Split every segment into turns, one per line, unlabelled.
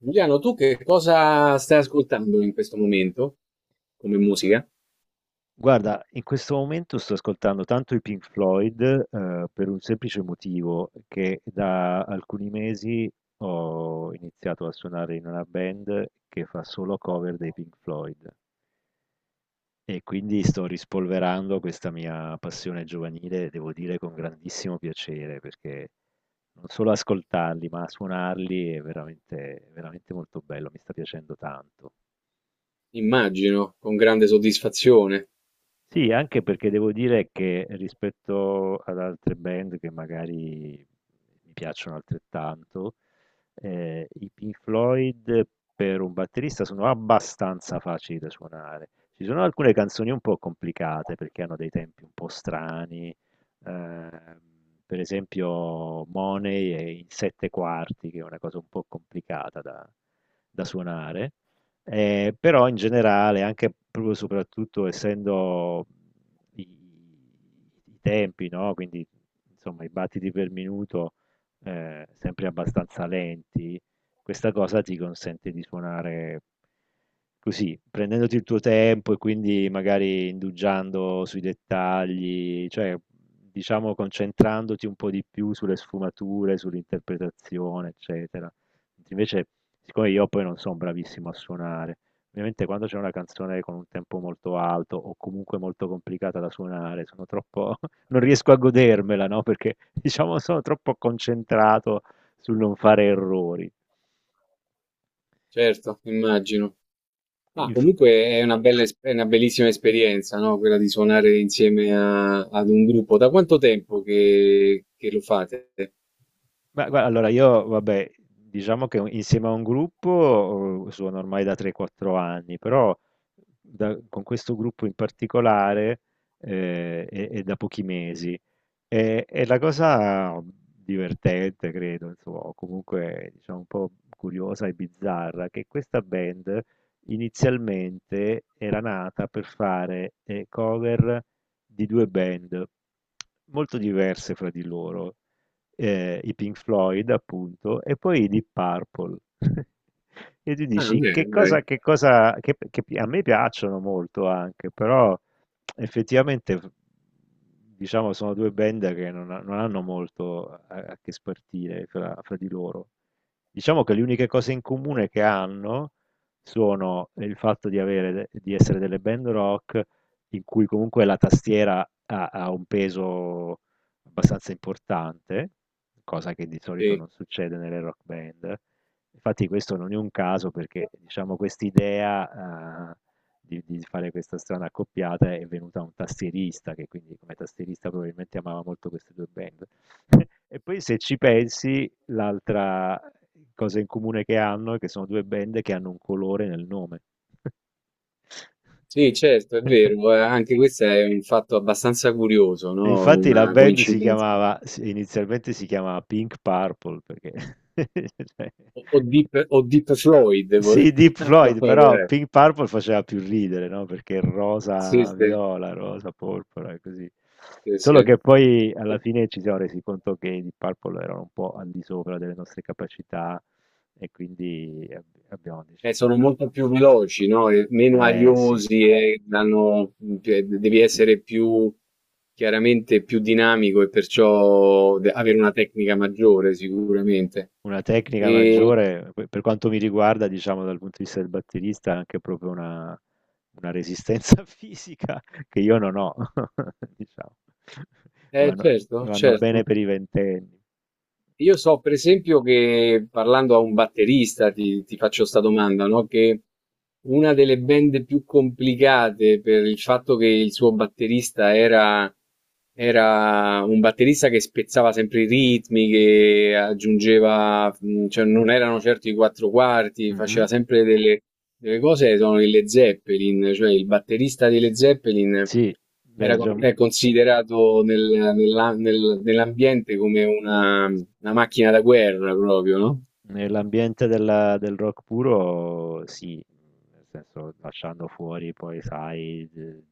Giuliano, tu che cosa stai ascoltando in questo momento come musica?
Guarda, in questo momento sto ascoltando tanto i Pink Floyd, per un semplice motivo, che da alcuni mesi ho iniziato a suonare in una band che fa solo cover dei Pink Floyd, e quindi sto rispolverando questa mia passione giovanile, devo dire con grandissimo piacere, perché non solo ascoltarli, ma suonarli è veramente, veramente molto bello, mi sta piacendo tanto.
Immagino, con grande soddisfazione,
Sì, anche perché devo dire che rispetto ad altre band che magari mi piacciono altrettanto, i Pink Floyd per un batterista sono abbastanza facili da suonare. Ci sono alcune canzoni un po' complicate perché hanno dei tempi un po' strani, ehm, per esempio Money è in 7/4, che è una cosa un po' complicata da suonare. Però in generale, anche proprio soprattutto essendo i tempi, no? Quindi insomma i battiti per minuto sempre abbastanza lenti, questa cosa ti consente di suonare così, prendendoti il tuo tempo e quindi magari indugiando sui dettagli, cioè diciamo concentrandoti un po' di più sulle sfumature, sull'interpretazione, eccetera. Mentre Invece Siccome io poi non sono bravissimo a suonare, ovviamente quando c'è una canzone con un tempo molto alto o comunque molto complicata da suonare, sono troppo. Non riesco a godermela, no? Perché diciamo sono troppo concentrato sul non fare errori.
certo, immagino. Ma
Inf-
comunque è una bella, è una bellissima esperienza, no? Quella di suonare insieme ad un gruppo. Da quanto tempo che lo fate?
Ma guarda, allora io, vabbè, diciamo che insieme a un gruppo suono ormai da 3-4 anni, però con questo gruppo in particolare è da pochi mesi. E la cosa divertente, credo, insomma, o comunque diciamo un po' curiosa e bizzarra, che questa band inizialmente era nata per fare cover di due band molto diverse fra di loro, i Pink Floyd, appunto, e poi i Deep Purple. E tu
Ah,
dici
bene,
che cosa,
dai.
A me piacciono molto anche, però effettivamente, diciamo, sono due band che non hanno molto a che spartire fra di loro. Diciamo che le uniche cose in comune che hanno sono il fatto di avere, di essere delle band rock in cui comunque la tastiera ha un peso abbastanza importante, cosa che di solito
Sì.
non succede nelle rock band. Infatti questo non è un caso perché, diciamo, quest'idea, di fare questa strana accoppiata è venuta un tastierista che quindi come tastierista probabilmente amava molto queste due band. E poi se ci pensi, l'altra cosa in comune che hanno è che sono due band che hanno un colore nel nome.
Sì, certo, è vero, anche questo è un fatto abbastanza curioso, no?
Infatti la
Una
band
coincidenza.
inizialmente si chiamava Pink Purple perché cioè,
O Deep Floyd,
sì,
volevo
Deep
dire.
Floyd, però Pink Purple faceva più ridere, no? Perché
Sì,
rosa
sì,
viola, rosa porpora e così.
sì,
Solo
sì.
che poi
E
alla fine ci siamo resi conto che i Deep Purple erano un po' al di sopra delle nostre capacità e quindi abbiamo
e
deciso di...
sono molto più veloci, no? E meno
Eh sì,
ariosi e danno, cioè, devi essere più chiaramente più dinamico e perciò avere una tecnica maggiore sicuramente.
una tecnica
E,
maggiore, per quanto mi riguarda, diciamo dal punto di vista del batterista, è anche proprio una resistenza fisica che io non ho, diciamo. Vanno,
certo,
vanno bene
certo.
per i ventenni.
Io so per esempio che parlando a un batterista, ti faccio questa domanda, no? Che una delle band più complicate per il fatto che il suo batterista era, era un batterista che spezzava sempre i ritmi, che aggiungeva, cioè non erano certo i quattro quarti, faceva
Mhm.
sempre delle cose, sono i Led Zeppelin, cioè il batterista dei Led Zeppelin
Sì, beh,
era con-
già,
è considerato nell'ambiente come una macchina da guerra proprio, no?
nell'ambiente del rock puro, sì, nel senso lasciando fuori poi, sai,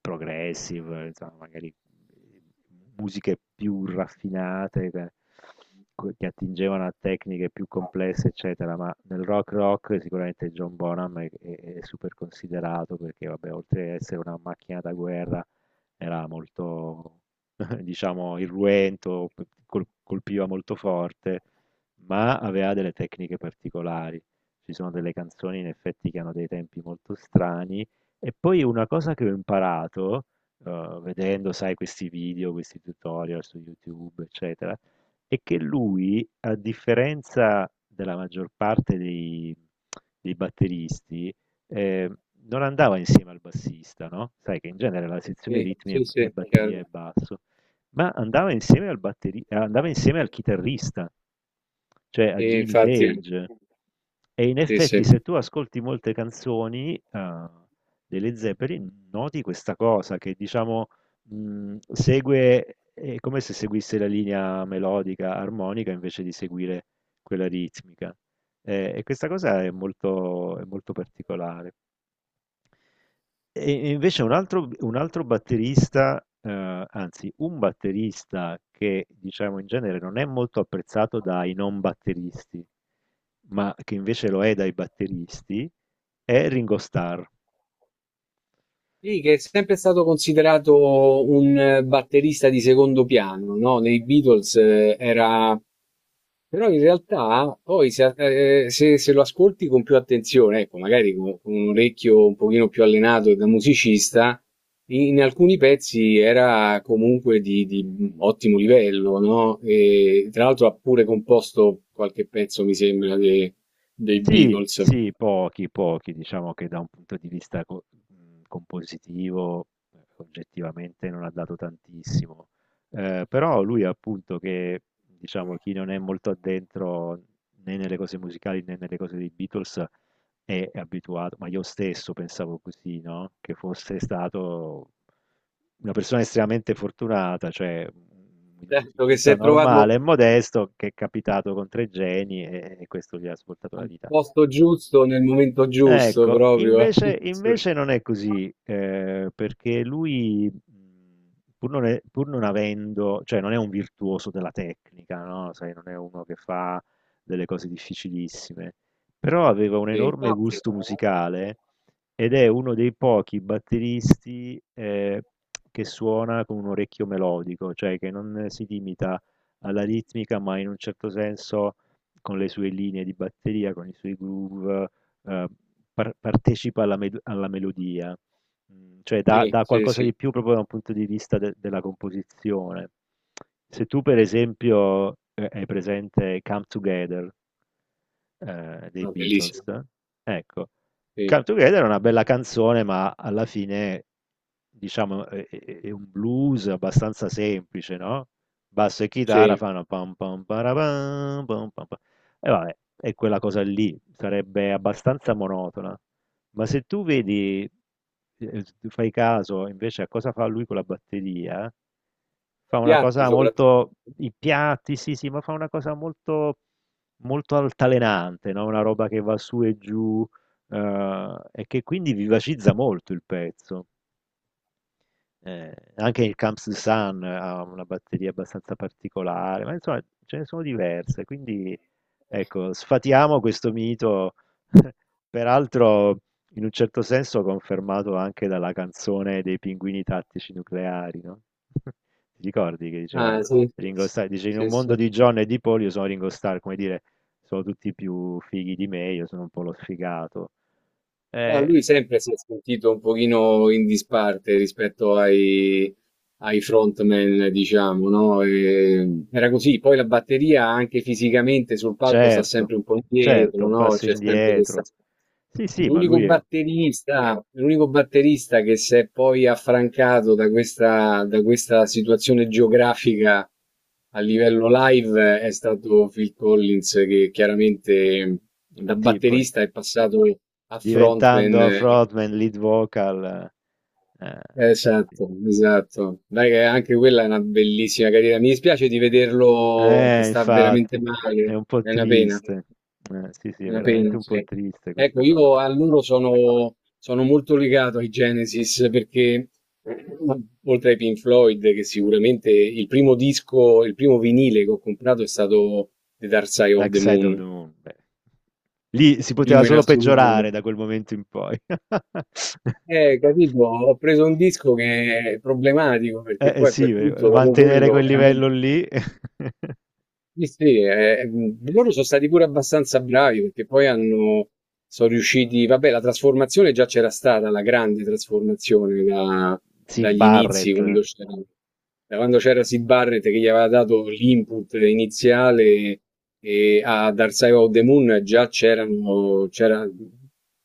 progressive, insomma, magari musiche più raffinate che attingevano a tecniche più complesse, eccetera, ma nel rock rock sicuramente John Bonham è super considerato perché, vabbè, oltre ad essere una macchina da guerra, era molto, diciamo, irruento, colpiva molto forte, ma aveva delle tecniche particolari. Ci sono delle canzoni in effetti che hanno dei tempi molto strani. E poi una cosa che ho imparato, vedendo, sai, questi video, questi tutorial su YouTube, eccetera, è che lui, a differenza della maggior parte dei batteristi, eh, non andava insieme al bassista, no? Sai che in genere la sezione
Sì,
ritmi è,
sì,
è
sì,
batteria e
chiaro.
basso, ma andava insieme andava insieme al chitarrista, cioè a
Sì,
Jimmy
infatti,
Page. E in
sì,
effetti,
sì.
se tu ascolti molte canzoni delle Zeppelin, noti questa cosa che diciamo è come se seguisse la linea melodica, armonica, invece di seguire quella ritmica. E questa cosa è molto particolare. E invece un altro batterista, anzi un batterista che diciamo in genere non è molto apprezzato dai non batteristi, ma che invece lo è dai batteristi, è Ringo Starr.
Sì, che è sempre stato considerato un batterista di secondo piano, no? Nei Beatles era... Però in realtà poi se lo ascolti con più attenzione, ecco, magari con un orecchio un pochino più allenato e da musicista, in alcuni pezzi era comunque di ottimo livello, no? E tra l'altro ha pure composto qualche pezzo, mi sembra, dei
Sì,
Beatles.
sì, pochi, pochi. Diciamo che da un punto di vista compositivo, oggettivamente non ha dato tantissimo. Però lui appunto che, diciamo, chi non è molto addentro né nelle cose musicali né nelle cose dei Beatles è abituato, ma io stesso pensavo così, no? Che fosse stato una persona estremamente fortunata, cioè un
Certo che si
musicista
è trovato
normale e modesto che è capitato con tre geni e questo gli ha svoltato la
al
vita.
posto giusto, nel momento giusto
Ecco,
proprio, eh.
invece, invece non è così, perché lui, pur non avendo, cioè non è un virtuoso della tecnica, no? Sai, non è uno che fa delle cose difficilissime, però aveva un
Sì,
enorme
infatti.
gusto musicale ed è uno dei pochi batteristi, che suona con un orecchio melodico, cioè che non si limita alla ritmica, ma in un certo senso con le sue linee di batteria, con i suoi groove, ehm, partecipa alla med alla melodia. Cioè dà
Sì,
dà
sì,
qualcosa di
sì,
più proprio da un punto di vista de della composizione. Se tu per esempio, hai presente Come Together dei
no,
Beatles.
bellissimo.
Ecco, Come
Sì,
Together è una bella canzone, ma alla fine, diciamo, è un blues abbastanza semplice, no? Basso e chitarra
sì.
fanno pam pam parapam, pam pam pam. E vabbè, è quella cosa lì, sarebbe abbastanza monotona. Ma se tu vedi, tu fai caso invece a cosa fa lui con la batteria, fa
I
una
piatti
cosa
soprattutto.
molto, i piatti, sì, sì, ma fa una cosa molto altalenante, no, una roba che va su e giù, e che quindi vivacizza molto il pezzo. Anche il Camps de Sun ha una batteria abbastanza particolare, ma insomma ce ne sono diverse, quindi ecco, sfatiamo questo mito, peraltro in un certo senso confermato anche dalla canzone dei Pinguini Tattici Nucleari, no? Ti ricordi che diceva
Ah, sì,
Ringo
sì,
Starr, dice in un
sì, sì.
mondo di John e di Paul io sono Ringo Starr, come dire, sono tutti più fighi di me, io sono un po' lo sfigato.
Ah,
Eh,
lui sempre si è sentito un pochino in disparte rispetto ai, ai frontman, diciamo, no? E era così. Poi la batteria anche fisicamente sul palco sta
certo,
sempre un po'
certo,
indietro,
un
no?
passo
C'è sempre questa.
indietro. Sì, sì, ma
L'unico
lui è
batterista l'unico batterista che si è poi affrancato da questa situazione geografica a livello live è stato Phil Collins, che chiaramente da
sì, poi
batterista è passato a
diventando
frontman.
frontman, lead vocal, eh, sì.
Esatto, esatto. Dai, che anche quella è una bellissima carriera. Mi dispiace di vederlo che sta veramente
Infatti, è
male,
un po'
è una pena.
triste. Sì, sì, è
La
veramente un po'
pensi.
triste
Ecco,
questa cosa.
io a loro sono, sono molto legato ai Genesis perché, oltre ai Pink Floyd, che sicuramente il primo disco, il primo vinile che ho comprato è stato The Dark Side of
Dark
the
Side of the
Moon,
Moon, beh. Lì si
il
poteva
primo in
solo peggiorare
assoluto.
da quel momento in poi.
Capito, ho preso un disco che è problematico perché poi a
Sì,
quel punto, dopo
mantenere
quello,
quel
veramente.
livello lì.
Sì, sì, loro sono stati pure abbastanza bravi perché poi hanno, sono riusciti, vabbè, la trasformazione già c'era stata, la grande trasformazione
Sid
dagli inizi,
Barrett,
da quando c'era Sid Barrett che gli aveva dato l'input iniziale e a Dark Side of the Moon già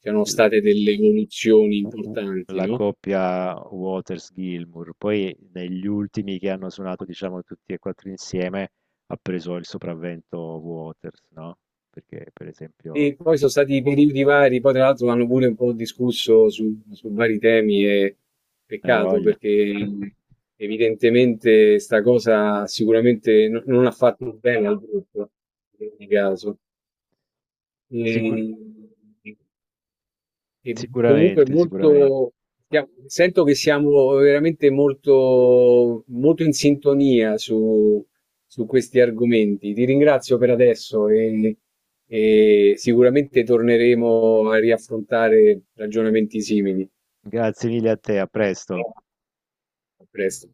c'erano
il
state delle evoluzioni
U- u-
importanti,
la
no?
coppia Waters-Gilmour, poi negli ultimi che hanno suonato, diciamo, tutti e quattro insieme, ha preso il sopravvento Waters, no? Perché, per esempio,
E poi sono stati periodi vari, poi tra l'altro hanno pure un po' discusso su, su vari temi e
hai
peccato
voglia.
perché evidentemente sta cosa sicuramente non ha fatto bene al gruppo in ogni caso.
Sicur-
E- e comunque
sicuramente, sicuramente.
molto, sento che siamo veramente molto, molto in sintonia su, su questi argomenti. Ti ringrazio per adesso e sicuramente torneremo a riaffrontare ragionamenti simili.
Grazie mille a te, a presto.
A presto.